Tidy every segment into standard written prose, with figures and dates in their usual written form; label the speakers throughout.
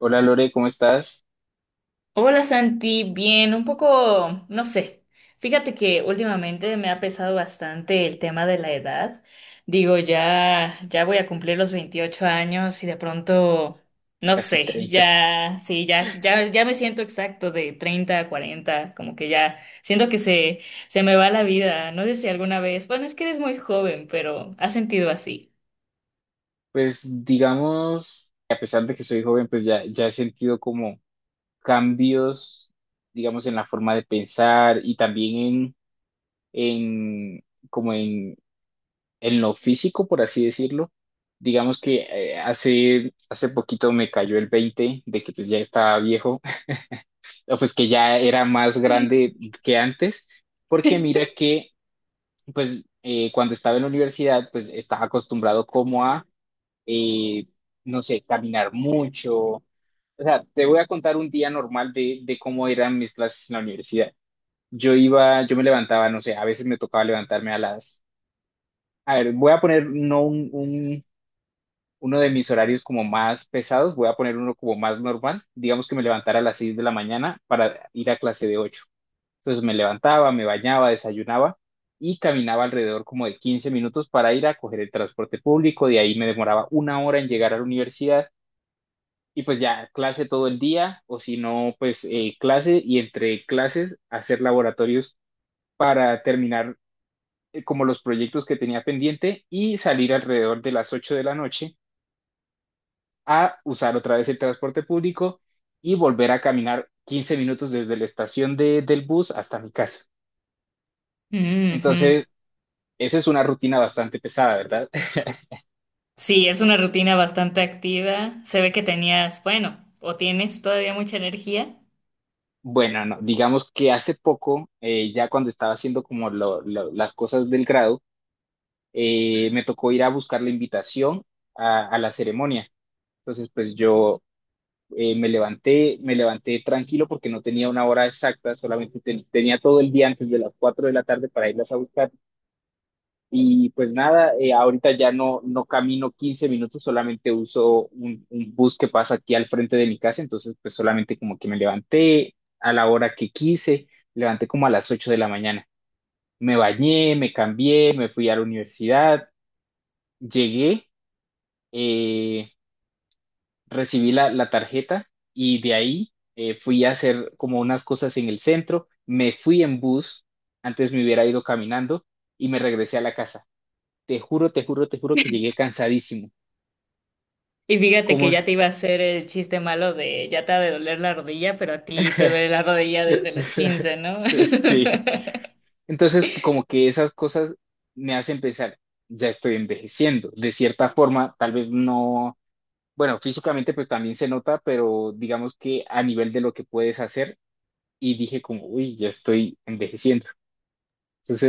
Speaker 1: Hola Lore, ¿cómo estás?
Speaker 2: Hola Santi, bien, un poco, no sé. Fíjate que últimamente me ha pesado bastante el tema de la edad. Digo, ya voy a cumplir los 28 años y de pronto, no
Speaker 1: Casi
Speaker 2: sé,
Speaker 1: treinta.
Speaker 2: ya, sí, ya me siento exacto de 30, a 40, como que ya siento que se me va la vida. No sé si alguna vez, bueno, es que eres muy joven, pero ¿has sentido así?
Speaker 1: Pues digamos, a pesar de que soy joven, pues ya he sentido como cambios, digamos, en la forma de pensar y también en como en, en lo físico, por así decirlo. Digamos que hace poquito me cayó el 20 de que pues ya estaba viejo, o pues que ya era más grande que antes, porque mira que pues cuando estaba en la universidad, pues estaba acostumbrado como a eh, no sé, caminar mucho. O sea, te voy a contar un día normal de cómo eran mis clases en la universidad. Yo iba, yo me levantaba, no sé, a veces me tocaba levantarme a las... A ver, voy a poner no un, un- uno de mis horarios como más pesados, voy a poner uno como más normal. Digamos que me levantara a las 6 de la mañana para ir a clase de 8. Entonces me levantaba, me bañaba, desayunaba y caminaba alrededor como de 15 minutos para ir a coger el transporte público. De ahí me demoraba una hora en llegar a la universidad y pues ya, clase todo el día, o si no, pues clase y entre clases hacer laboratorios para terminar como los proyectos que tenía pendiente, y salir alrededor de las 8 de la noche a usar otra vez el transporte público y volver a caminar 15 minutos desde la estación del bus hasta mi casa.
Speaker 2: Ujú.
Speaker 1: Entonces, esa es una rutina bastante pesada, ¿verdad?
Speaker 2: Sí, es una rutina bastante activa. Se ve que tenías, bueno, o tienes todavía mucha energía.
Speaker 1: Bueno, no, digamos que hace poco, ya cuando estaba haciendo como las cosas del grado, me tocó ir a buscar la invitación a la ceremonia. Entonces, pues yo me levanté tranquilo porque no tenía una hora exacta, solamente tenía todo el día antes de las 4 de la tarde para irlas a buscar. Y pues nada, ahorita ya no camino 15 minutos, solamente uso un bus que pasa aquí al frente de mi casa. Entonces, pues solamente como que me levanté a la hora que quise, levanté como a las 8 de la mañana. Me bañé, me cambié, me fui a la universidad, llegué, eh, recibí la tarjeta y de ahí fui a hacer como unas cosas en el centro, me fui en bus, antes me hubiera ido caminando y me regresé a la casa. Te juro, te juro, te juro que llegué cansadísimo.
Speaker 2: Y fíjate
Speaker 1: Como
Speaker 2: que ya
Speaker 1: es-
Speaker 2: te iba a hacer el chiste malo de ya te ha de doler la rodilla, pero a ti te duele la rodilla desde los 15, ¿no?
Speaker 1: Sí. Entonces, como que esas cosas me hacen pensar, ya estoy envejeciendo. De cierta forma, tal vez no, bueno, físicamente pues también se nota, pero digamos que a nivel de lo que puedes hacer, y dije como, uy, ya estoy envejeciendo.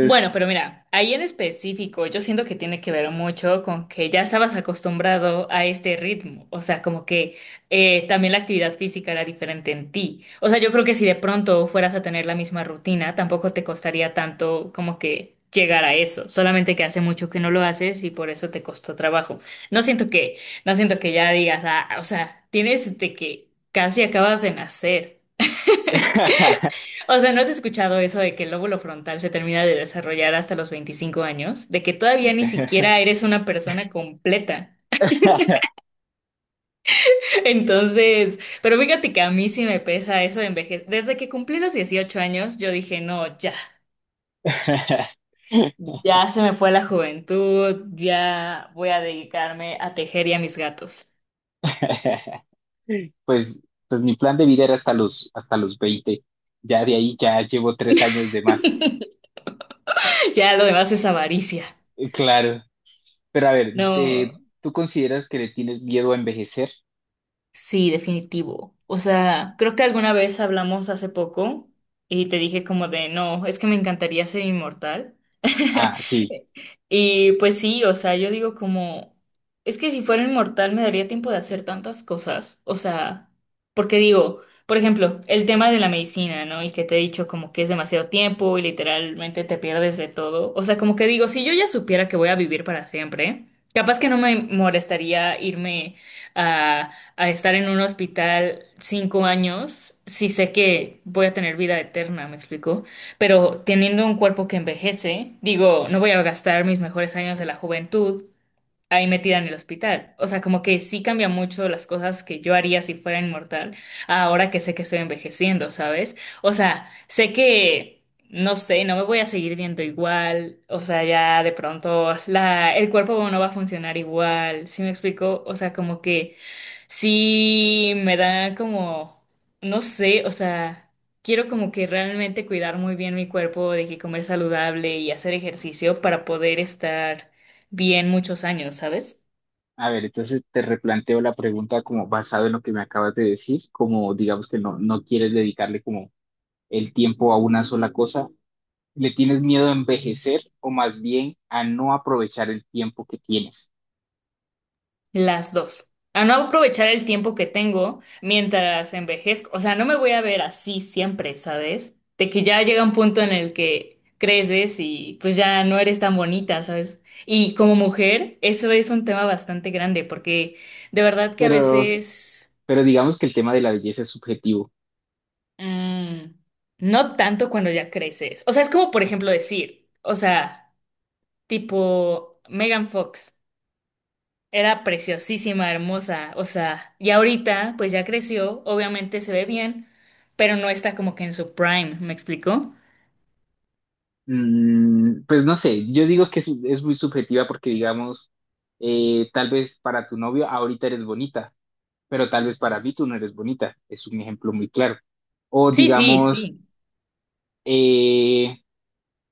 Speaker 2: Bueno, pero mira, ahí en específico, yo siento que tiene que ver mucho con que ya estabas acostumbrado a este ritmo, o sea, como que también la actividad física era diferente en ti. O sea, yo creo que si de pronto fueras a tener la misma rutina, tampoco te costaría tanto como que llegar a eso, solamente que hace mucho que no lo haces y por eso te costó trabajo. No siento que, no siento que ya digas, ah, o sea, tienes de que casi acabas de nacer. O sea, ¿no has escuchado eso de que el lóbulo frontal se termina de desarrollar hasta los 25 años? De que todavía ni siquiera eres una persona completa. Entonces, pero fíjate que a mí sí me pesa eso de envejecer. Desde que cumplí los 18 años, yo dije, no, ya, ya se me fue la juventud, ya voy a dedicarme a tejer y a mis gatos.
Speaker 1: pues, pues mi plan de vida era hasta hasta los 20. Ya de ahí ya llevo 3 años de más.
Speaker 2: Ya lo demás es avaricia.
Speaker 1: Claro, pero a ver,
Speaker 2: No.
Speaker 1: de- ¿tú consideras que le tienes miedo a envejecer?
Speaker 2: Sí, definitivo. O sea, creo que alguna vez hablamos hace poco y te dije como de, no, es que me encantaría ser inmortal.
Speaker 1: Ah, sí.
Speaker 2: Y pues sí, o sea, yo digo como, es que si fuera inmortal me daría tiempo de hacer tantas cosas. O sea, porque digo, por ejemplo, el tema de la medicina, ¿no? Y que te he dicho como que es demasiado tiempo y literalmente te pierdes de todo. O sea, como que digo, si yo ya supiera que voy a vivir para siempre, capaz que no me molestaría irme a a estar en un hospital 5 años, sí sé que voy a tener vida eterna, me explico, pero teniendo un cuerpo que envejece, digo, no voy a gastar mis mejores años de la juventud ahí metida en el hospital. O sea, como que sí cambia mucho las cosas que yo haría si fuera inmortal, ahora que sé que estoy envejeciendo, ¿sabes? O sea, sé que, no sé, no me voy a seguir viendo igual, o sea, ya de pronto el cuerpo no va a funcionar igual, ¿sí me explico? O sea, como que sí me da como, no sé, o sea... Quiero como que realmente cuidar muy bien mi cuerpo, de que comer saludable y hacer ejercicio para poder estar bien muchos años, ¿sabes?
Speaker 1: A ver, entonces te replanteo la pregunta, como basado en lo que me acabas de decir, como digamos que no quieres dedicarle como el tiempo a una sola cosa, le tienes miedo a envejecer o más bien a no aprovechar el tiempo que tienes.
Speaker 2: Las dos. A no aprovechar el tiempo que tengo mientras envejezco. O sea, no me voy a ver así siempre, ¿sabes? De que ya llega un punto en el que creces y pues ya no eres tan bonita, ¿sabes? Y como mujer, eso es un tema bastante grande porque de verdad que a
Speaker 1: Pero,
Speaker 2: veces
Speaker 1: pero digamos que el tema de la belleza es subjetivo.
Speaker 2: mm, no tanto cuando ya creces. O sea, es como por ejemplo decir, o sea, tipo Megan Fox. Era preciosísima, hermosa, o sea, y ahorita pues ya creció, obviamente se ve bien, pero no está como que en su prime, ¿me explicó?
Speaker 1: Mm, pues no sé, yo digo que es muy subjetiva porque digamos, tal vez para tu novio ahorita eres bonita, pero tal vez para mí tú no eres bonita. Es un ejemplo muy claro. O
Speaker 2: Sí, sí,
Speaker 1: digamos,
Speaker 2: sí.
Speaker 1: eh,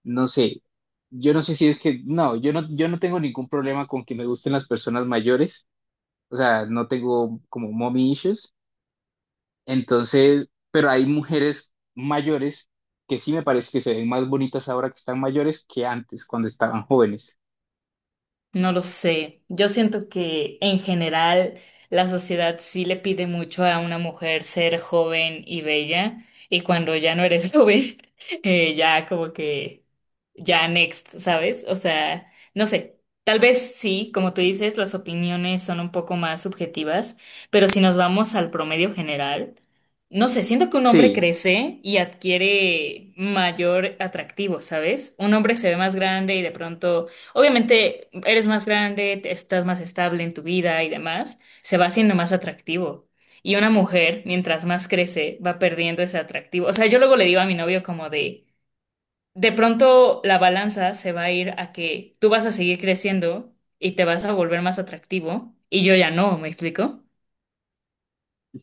Speaker 1: no sé, yo no sé si es que, no, yo no tengo ningún problema con que me gusten las personas mayores. O sea, no tengo como mommy issues. Entonces, pero hay mujeres mayores que sí me parece que se ven más bonitas ahora que están mayores que antes, cuando estaban jóvenes.
Speaker 2: No lo sé. Yo siento que en general la sociedad sí le pide mucho a una mujer ser joven y bella y cuando ya no eres joven, ya como que ya next, ¿sabes? O sea, no sé. Tal vez sí, como tú dices, las opiniones son un poco más subjetivas, pero si nos vamos al promedio general, no sé, siento que un hombre
Speaker 1: Sí,
Speaker 2: crece y adquiere mayor atractivo, ¿sabes? Un hombre se ve más grande y de pronto obviamente eres más grande, te- estás más estable en tu vida y demás, se va haciendo más atractivo. Y una mujer, mientras más crece, va perdiendo ese atractivo. O sea, yo luego le digo a mi novio como de pronto la balanza se va a ir a que tú vas a seguir creciendo y te vas a volver más atractivo y yo ya no, ¿me explico?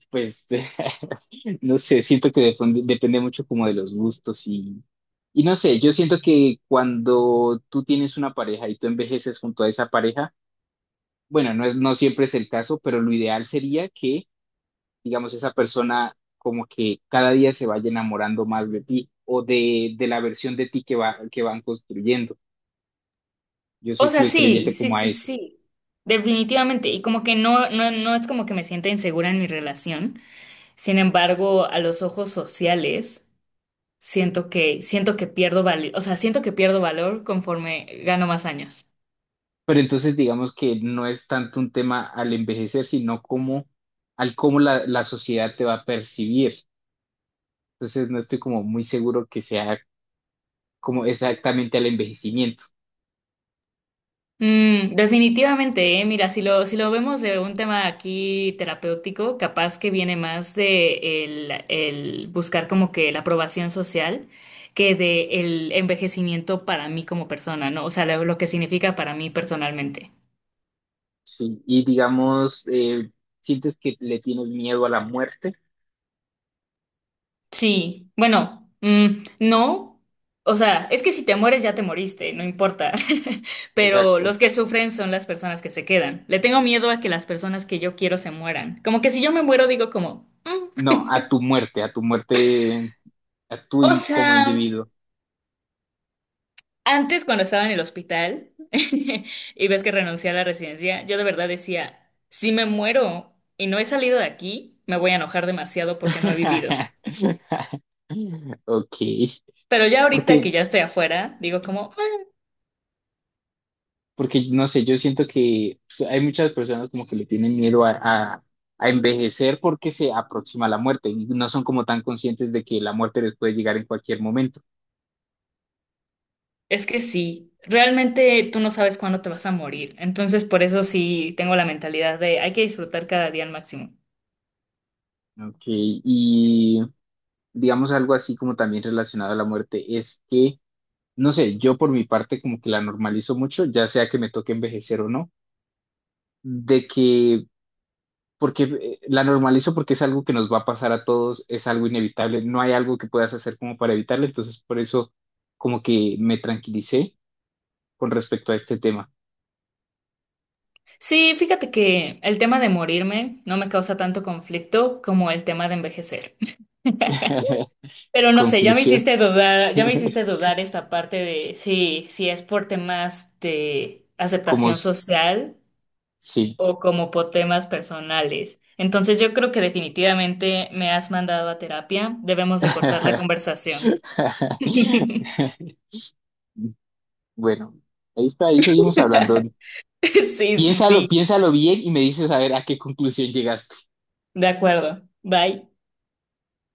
Speaker 1: pues no sé, siento que depende, depende mucho como de los gustos y no sé, yo siento que cuando tú tienes una pareja y tú envejeces junto a esa pareja, bueno, no siempre es el caso, pero lo ideal sería que, digamos, esa persona como que cada día se vaya enamorando más de ti o de la versión de ti que va, que van construyendo. Yo
Speaker 2: O
Speaker 1: soy
Speaker 2: sea,
Speaker 1: fiel creyente
Speaker 2: sí, sí,
Speaker 1: como a
Speaker 2: sí,
Speaker 1: eso.
Speaker 2: sí, definitivamente. Y como que no, no es como que me sienta insegura en mi relación. Sin embargo, a los ojos sociales, siento que pierdo valor, o sea, siento que pierdo valor conforme gano más años.
Speaker 1: Pero entonces digamos que no es tanto un tema al envejecer, sino como al cómo la sociedad te va a percibir. Entonces no estoy como muy seguro que sea como exactamente al envejecimiento.
Speaker 2: Mm, definitivamente, mira, si lo vemos de un tema aquí terapéutico, capaz que viene más el buscar como que la aprobación social que de el envejecimiento para mí como persona, ¿no? O sea, lo que significa para mí personalmente.
Speaker 1: Sí, y digamos, sientes que le tienes miedo a la muerte.
Speaker 2: Sí, bueno, mm, no, o sea, es que si te mueres ya te moriste, no importa, pero
Speaker 1: Exacto.
Speaker 2: los que sufren son las personas que se quedan. Le tengo miedo a que las personas que yo quiero se mueran. Como que si yo me muero digo como, "Mm".
Speaker 1: No, a tu muerte, a tu
Speaker 2: O
Speaker 1: in- como
Speaker 2: sea,
Speaker 1: individuo.
Speaker 2: antes cuando estaba en el hospital y ves que renuncié a la residencia, yo de verdad decía, si me muero y no he salido de aquí, me voy a enojar demasiado porque no he vivido.
Speaker 1: Ok.
Speaker 2: Pero ya
Speaker 1: Porque
Speaker 2: ahorita que ya estoy afuera, digo como...
Speaker 1: porque no sé, yo siento que pues, hay muchas personas como que le tienen miedo a envejecer porque se aproxima la muerte y no son como tan conscientes de que la muerte les puede llegar en cualquier momento.
Speaker 2: Es que sí, realmente tú no sabes cuándo te vas a morir, entonces por eso sí tengo la mentalidad de hay que disfrutar cada día al máximo.
Speaker 1: ¿No? Ok, y digamos algo así como también relacionado a la muerte es que, no sé, yo por mi parte como que la normalizo mucho, ya sea que me toque envejecer o no, de que porque la normalizo porque es algo que nos va a pasar a todos, es algo inevitable, no hay algo que puedas hacer como para evitarlo, entonces por eso como que me tranquilicé con respecto a este tema.
Speaker 2: Sí, fíjate que el tema de morirme no me causa tanto conflicto como el tema de envejecer. Pero no sé, ya me
Speaker 1: Conclusión,
Speaker 2: hiciste dudar, ya me hiciste dudar esta parte de si es por temas de
Speaker 1: como
Speaker 2: aceptación
Speaker 1: s-
Speaker 2: social
Speaker 1: sí.
Speaker 2: o como por temas personales. Entonces yo creo que definitivamente me has mandado a terapia, debemos de cortar la conversación.
Speaker 1: Bueno, ahí está, ahí seguimos hablando.
Speaker 2: Sí, sí,
Speaker 1: Piénsalo,
Speaker 2: sí.
Speaker 1: piénsalo bien y me dices a ver a qué conclusión llegaste.
Speaker 2: De acuerdo. Bye.